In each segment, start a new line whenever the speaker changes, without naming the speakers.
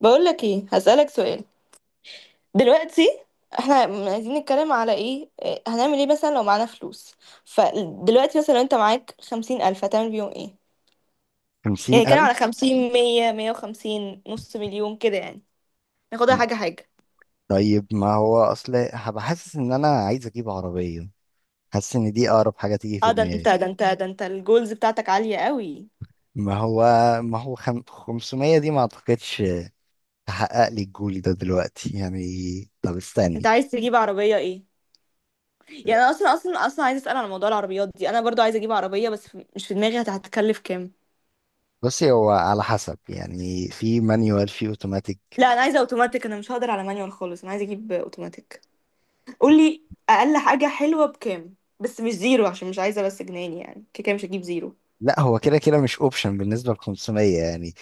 بقول لك ايه، هسألك سؤال. دلوقتي احنا عايزين نتكلم على ايه إيه، هنعمل ايه مثلا لو معانا فلوس؟ فدلوقتي مثلا لو انت معاك 50,000 هتعمل بيهم ايه؟ يعني
خمسين
نتكلم على
ألف.
خمسين، مية، مية وخمسين، نص مليون كده يعني. ناخدها حاجة حاجة.
طيب، ما هو أصل هبقى حاسس إن أنا عايز أجيب عربية. حاسس إن دي أقرب حاجة تيجي في
اه، ده انت
دماغي.
ده انت ده انت الجولز بتاعتك عالية قوي.
ما هو ما هو خم... 500 دي ما أعتقدش تحقق لي الجول ده دلوقتي يعني. طب
انت
استني.
عايز تجيب عربية ايه؟ يعني انا اصلا عايزة أسأل على موضوع العربيات دي. انا برضو عايزة اجيب عربية، بس مش في دماغي. هتكلف كام؟
بصي، هو على حسب يعني، في مانيوال في اوتوماتيك.
لا، انا عايزة اوتوماتيك. انا مش هقدر على مانيوال خالص، انا عايزة اجيب اوتوماتيك. قولي اقل حاجه حلوه بكام؟ بس مش زيرو، عشان مش عايزه بس جنان، يعني كده كده مش هجيب زيرو.
لا، هو كده كده مش اوبشن بالنسبة ل 500 يعني،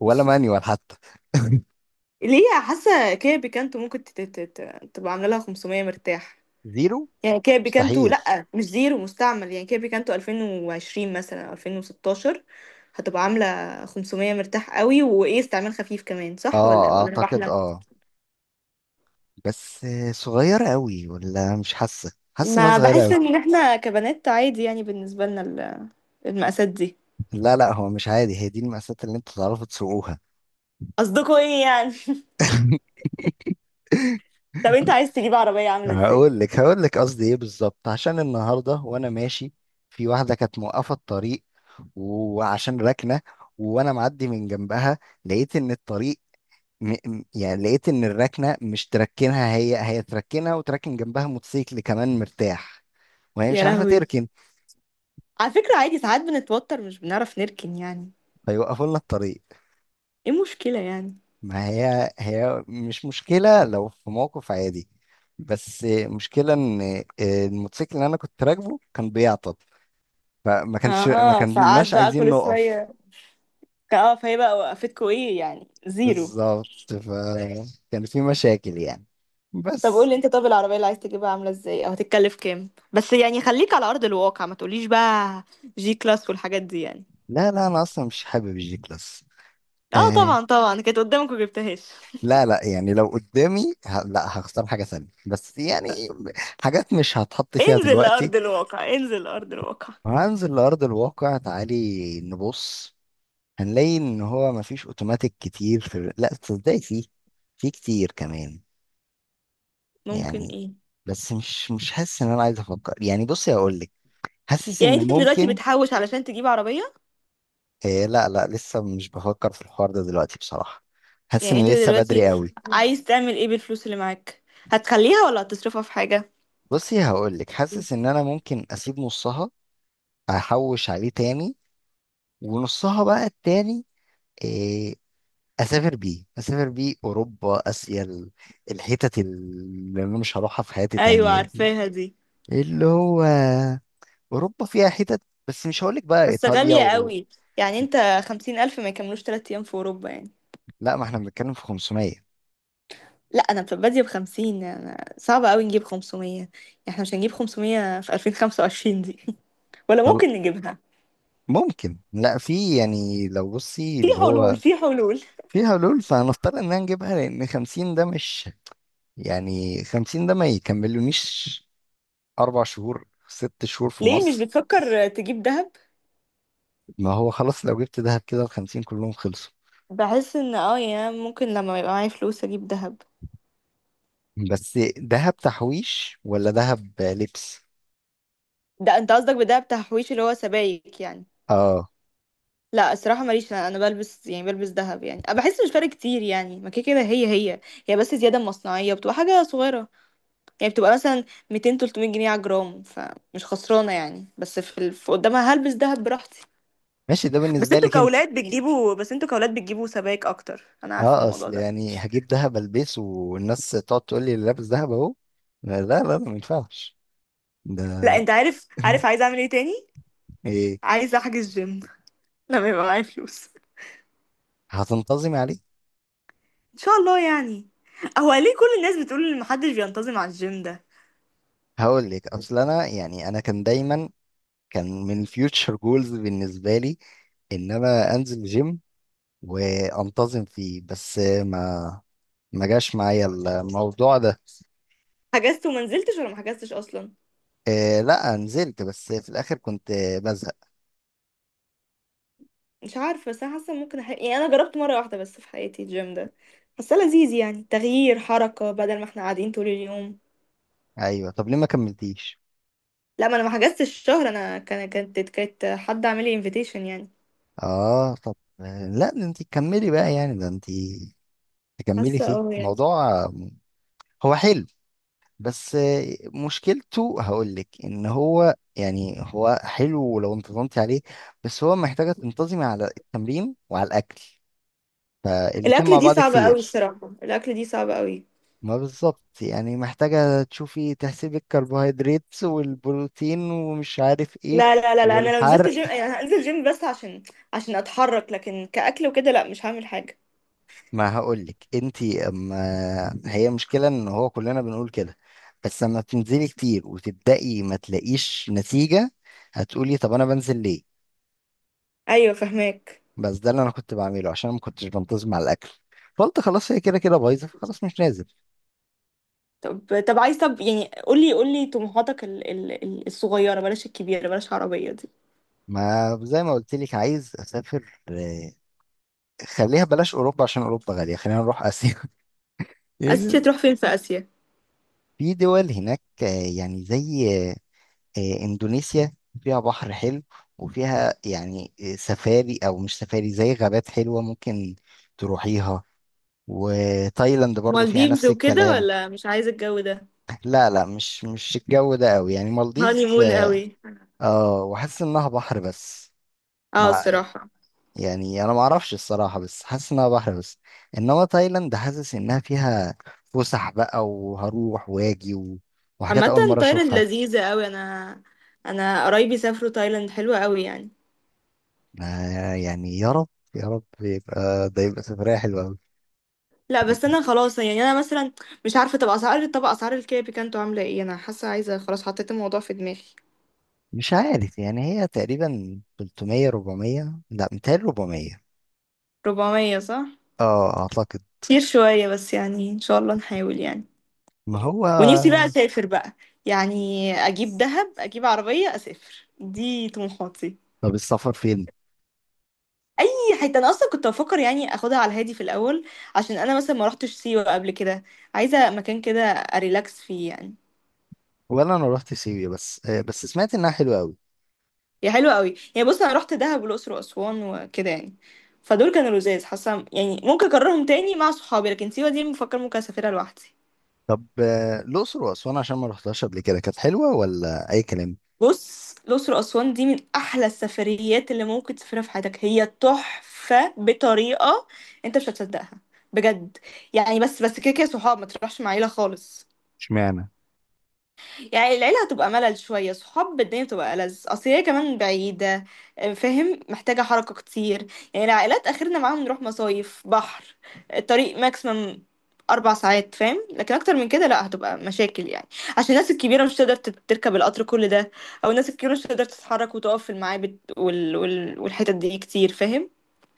ولا مانيوال حتى.
ليه؟ حاسه كده بيكانتو ممكن تبقى عامله لها 500 مرتاح.
زيرو
يعني كده بيكانتو،
مستحيل.
لا مش زيرو، مستعمل. يعني كده بيكانتو 2020 مثلا أو 2016 هتبقى عامله 500 مرتاح قوي، وايه، استعمال خفيف كمان، صح ولا
اه
ولا انا
اعتقد،
بحلم؟
اه. بس صغيرة قوي، ولا مش حاسة حاسس انها
ما
صغيرة
بحس
قوي؟
ان احنا كبنات عادي يعني، بالنسبه لنا المقاسات دي.
لا لا، هو مش عادي، هي دي المقاسات اللي انتوا تعرفوا تسوقوها.
قصدكوا ايه يعني؟ طب انت عايز تجيب عربيه عامله ازاي؟
هقول لك هقول لك قصدي ايه بالظبط. عشان النهاردة وانا ماشي، في واحدة كانت موقفة الطريق، وعشان راكنة وانا معدي من جنبها، لقيت ان الطريق يعني لقيت ان الراكنة مش تركنها، هي تركنها وتركن جنبها موتوسيكل كمان مرتاح، وهي مش
يا
عارفة
لهوي،
تركن،
على فكرة عادي، ساعات بنتوتر مش بنعرف نركن يعني.
فيوقفوا لنا الطريق.
ايه المشكلة يعني؟
ما هي، هي مش مشكلة لو في موقف عادي، بس مشكلة ان الموتوسيكل اللي انا كنت راكبه كان بيعطل، فما كانش ما
اه، ساعات
كناش
بقى
عايزين
كل
نقف.
شوية. اه، فهي بقى وقفتكوا ايه يعني؟ زيرو.
بالظبط، فكان في مشاكل يعني،
طب
بس.
قولي انت، طب العربية اللي عايز تجيبها عاملة ازاي او هتتكلف كام؟ بس يعني خليك على أرض الواقع، ما تقوليش بقى جي كلاس والحاجات دي يعني.
لا لا، انا اصلا مش حابب الجي كلاس.
اه
آه
طبعا طبعا كانت قدامك وجبتهاش.
لا لا يعني، لو قدامي لا، هختار حاجة تانية، بس يعني حاجات مش هتحط فيها
انزل
دلوقتي.
لأرض الواقع، انزل لأرض الواقع.
وهنزل لأرض الواقع، تعالي نبص. هنلاقي ان هو مفيش اوتوماتيك كتير في لا تصدقي، فيه، في كتير كمان
ممكن
يعني.
ايه؟
بس مش حاسس ان انا عايز افكر يعني. بصي هقول لك، حاسس
يعني
ان
انت دلوقتي
ممكن.
بتحوش علشان تجيب عربية؟
آه لا لا، لسه مش بفكر في الحوار ده دلوقتي بصراحة. حاسس
يعني انت
ان لسه
دلوقتي
بدري قوي.
عايز تعمل ايه بالفلوس اللي معاك؟ هتخليها ولا هتصرفها في حاجة؟
بصي هقول لك، حاسس ان انا ممكن اسيب نصها، احوش عليه تاني، ونصها بقى التاني، آه، اسافر بيه، اسافر بيه اوروبا، اسيا، الحتت اللي انا مش هروحها في حياتي
ايوه،
تانية دي.
عارفاها دي.
اللي هو اوروبا فيها حتت، بس مش هقولك بقى
بس
ايطاليا
غالية قوي. يعني انت خمسين الف ما يكملوش 3 ايام في اوروبا يعني.
لا، ما احنا بنتكلم في 500.
لا، انا بادية بخمسين، يعني صعب قوي نجيب 500 يعني. احنا مش هنجيب 500 في 2025 دي. ولا
طل...
ممكن نجيبها؟
ممكن، لا، في يعني، لو بصي
في
اللي
حلول،
هو
في حلول.
في حلول، فهنضطر ان نجيبها، لان 50 ده مش يعني، 50 ده ما يكملونيش اربع شهور، ست شهور في
ليه مش
مصر.
بتفكر تجيب دهب؟
ما هو خلاص، لو جبت دهب كده ال 50 كلهم خلصوا.
بحس ان اه يعني ممكن لما يبقى معايا فلوس اجيب دهب.
بس دهب تحويش ولا دهب لبس؟
ده انت قصدك بدهب تحويش اللي هو سبايك يعني؟
اه.
لا الصراحة ماليش، أنا بلبس، يعني بلبس دهب، يعني أنا بحس مش فارق كتير يعني، ما كده كده هي هي، هي بس زيادة مصنعية بتبقى حاجة صغيرة. يعني بتبقى مثلا 200 300 جنيه على جرام، فمش خسرانة يعني. بس في، في قدامها هلبس دهب براحتي.
ماشي، ده بالنسبة لك انت.
بس انتوا كأولاد بتجيبوا سبائك اكتر، انا عارفة
اه
الموضوع
اصل
ده.
يعني، هجيب دهب البسه والناس تقعد تقول لي: اللي لابس دهب اهو؟ لا لا لا، ما ينفعش
لا
ده.
انت عارف، عايزة اعمل ايه تاني؟
ايه؟
عايزة احجز جيم. لما يبقى معايا فلوس.
هتنتظمي عليه؟
ان شاء الله يعني. هو ليه كل الناس بتقول ان محدش بينتظم على الجيم ده؟
هقول لك، اصل انا يعني، انا كان دايما، كان من الفيوتشر جولز بالنسبه لي ان انا انزل جيم وانتظم فيه، بس ما جاش معايا الموضوع ده.
حجزت وما نزلتش، ولا ما حجزتش اصلا؟
إيه، لا نزلت، بس في الاخر كنت بزهق.
مش عارفة، بس أنا حاسة ممكن يعني أنا جربت مرة واحدة بس في حياتي الجيم ده، حاسة لذيذ يعني، تغيير حركة بدل ما احنا قاعدين طول اليوم.
ايوه، طب ليه ما كملتيش؟
لا ما أنا ما حجزتش الشهر. أنا كانت حد عامل لي invitation يعني.
اه طب لا، ده انت كملي بقى يعني، ده انت تكملي
حاسة
فيه
اه يعني.
موضوع. هو حلو، بس مشكلته، هقول لك ان هو يعني، هو حلو لو انتظمتي عليه، بس هو محتاجة تنتظمي على التمرين وعلى الاكل، فالاتنين
الأكل
مع
دي
بعض
صعبة أوي
كتير.
الصراحة، الأكل دي صعبة أوي.
ما بالظبط يعني، محتاجة تشوفي تحسبي الكربوهيدرات والبروتين ومش عارف ايه،
لا لا لا لا، أنا لو نزلت
والحرق.
جيم يعني هنزل جيم بس عشان، أتحرك، لكن كأكل وكده لا، مش هعمل حاجة.
ما هقولك، انتي اما، هي مشكلة ان هو كلنا بنقول كده، بس لما بتنزلي كتير وتبدأي ما تلاقيش نتيجة، هتقولي طب انا بنزل ليه.
أيوة فهماك.
بس ده اللي انا كنت بعمله، عشان ما كنتش بنتظم على الاكل، فقلت خلاص هي كده كده بايظة، خلاص مش نازل.
طب يعني، قولي قولي طموحاتك الصغيرة، بلاش الكبيرة، بلاش عربية دي.
ما زي ما قلت لك، عايز اسافر. خليها بلاش اوروبا، عشان اوروبا غالية، خلينا نروح اسيا.
آسيا، تروح فين في آسيا؟
في دول هناك يعني زي إندونيسيا، فيها بحر حلو، وفيها يعني سفاري، أو مش سفاري، زي غابات حلوة ممكن تروحيها. وتايلاند برضو فيها
مالديفز
نفس
وكده
الكلام.
ولا مش عايزة الجو ده؟
لا لا، مش الجو ده قوي، يعني
هاني
مالديفز.
مون قوي.
اه، وحاسس انها بحر بس،
اه
مع،
الصراحة.
يعني انا ما اعرفش الصراحة، بس حاسس انها بحر بس. انما تايلاند حاسس انها فيها فسح بقى، وهروح واجي وحاجات
عامة
اول مرة
تايلاند
اشوفها.
لذيذة قوي. انا انا قرايبي سافروا تايلاند، حلوة قوي يعني.
آه يعني، يا رب، يا رب يبقى ده، يبقى سفرية حلوة.
لا بس انا خلاص يعني، انا مثلا مش عارفة. طب اسعار، طب اسعار الكاب كانتوا عاملة ايه؟ انا حاسة عايزة خلاص، حطيت الموضوع في دماغي.
مش عارف يعني، هي تقريبا 300 400، لا 200 400.
400، صح؟
اه اعتقد.
كتير شوية بس يعني، ان شاء الله نحاول يعني.
ما هو.
ونفسي بقى اسافر بقى يعني. اجيب دهب، اجيب عربية، اسافر، دي طموحاتي.
طب السفر فين؟
اي حته. انا اصلا كنت بفكر يعني اخدها على الهادي في الاول، عشان انا مثلا ما روحتش سيوه قبل كده. عايزه مكان كده اريلاكس فيه يعني.
ولا انا رحت سيوة، بس بس سمعت انها حلوة قوي.
هي حلوه قوي يعني. بص انا رحت دهب والاقصر واسوان وكده يعني، فدول كانوا لذاذ، حاسه يعني ممكن اكررهم تاني مع صحابي. لكن سيوه دي مفكر ممكن اسافرها لوحدي.
طب الاقصر واسوان، عشان ما رحتهاش قبل كده، كانت حلوة ولا اي كلام؟
بص الاقصر واسوان دي من احلى السفريات اللي ممكن تسافرها في حياتك، هي تحفه بطريقه انت مش هتصدقها، بجد. يعني بس كده كده صحاب، ما تروحش مع عيله خالص.
اشمعنى؟
يعني العيلة هتبقى ملل شوية، صحاب الدنيا بتبقى ألذ، أصل هي كمان بعيدة، آه، فاهم؟ محتاجة حركة كتير. يعني العائلات آخرنا معاهم نروح مصايف بحر، الطريق ماكسيمم 4 ساعات فاهم. لكن أكتر من كده لأ، هتبقى مشاكل يعني. عشان الناس الكبيرة مش تقدر تركب القطر كل ده، أو الناس الكبيرة مش تقدر تتحرك وتقف في المعابد والحتت دي كتير، فاهم؟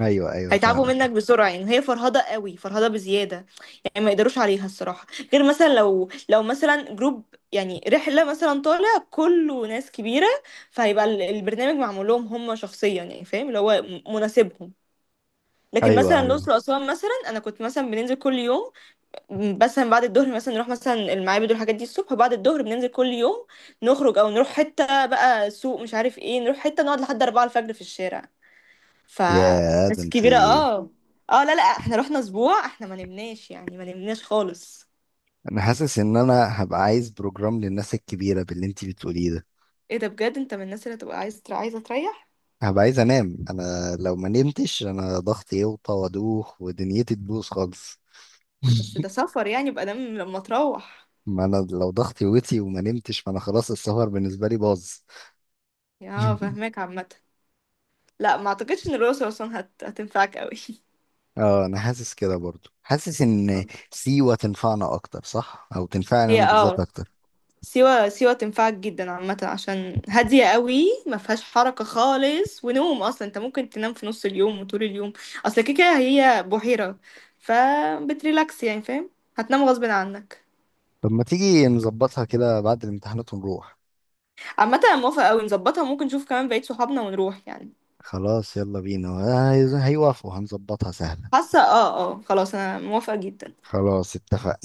ايوه ايوه،
هيتعبوا منك
فاهمك.
بسرعة. يعني هي فرهضة قوي، فرهضة بزيادة يعني، ما يقدروش عليها الصراحة. غير مثلا لو مثلا جروب، يعني رحلة مثلا طالع كله ناس كبيرة، فهيبقى البرنامج معمول لهم هم شخصيا يعني، فاهم؟ اللي هو مناسبهم. لكن
ايوه
مثلا
ايوه.
الأقصر وأسوان، مثلا أنا كنت مثلا بننزل كل يوم، مثلا بعد الظهر، مثلا نروح مثلا المعابد والحاجات دي الصبح، وبعد الظهر بننزل كل يوم، نخرج أو نروح حتة بقى سوق مش عارف ايه، نروح حتة نقعد لحد 4 الفجر في الشارع. ف،
يا ده
ناس كبيرة
انتي.
اه. اه لا لا، احنا رحنا أسبوع، احنا ما نمناش يعني، ما نمناش خالص.
انا حاسس ان انا هبقى عايز بروجرام للناس الكبيرة باللي انتي بتقوليه ده.
ايه ده؟ بجد انت من الناس اللي تبقى عايز، تريح.
هبقى عايز انام، انا لو ما نمتش انا ضغطي يوطى وادوخ ودنيتي تبوظ خالص.
بس ده سفر يعني، يبقى دام لما تروح.
ما انا لو ضغطي وطي وما نمتش، فانا خلاص السهر بالنسبه لي باظ.
يا فاهماك، عامه. لا ما اعتقدش ان الأقصر اصلا هتنفعك قوي.
اه، انا حاسس كده برضو، حاسس
آه.
ان سيوة تنفعنا اكتر، صح؟ او تنفعني
هي
انا بالذات
اه،
اكتر.
سيوة تنفعك جدا، عامة عشان هادية قوي ما فيهاش حركة خالص، ونوم، اصلا انت ممكن تنام في نص اليوم وطول اليوم. اصل كده كده هي بحيرة، فبتريلاكس يعني، فاهم؟ هتنام غصب عنك.
طب ما تيجي نظبطها كده بعد الامتحانات ونروح.
عامة انا موافقة قوي، نظبطها ممكن، نشوف كمان بقية صحابنا ونروح يعني.
خلاص يلا بينا، هيوافقوا، هنظبطها سهله.
حاسة اه، اه خلاص انا موافقة جدا.
خلاص اتفق.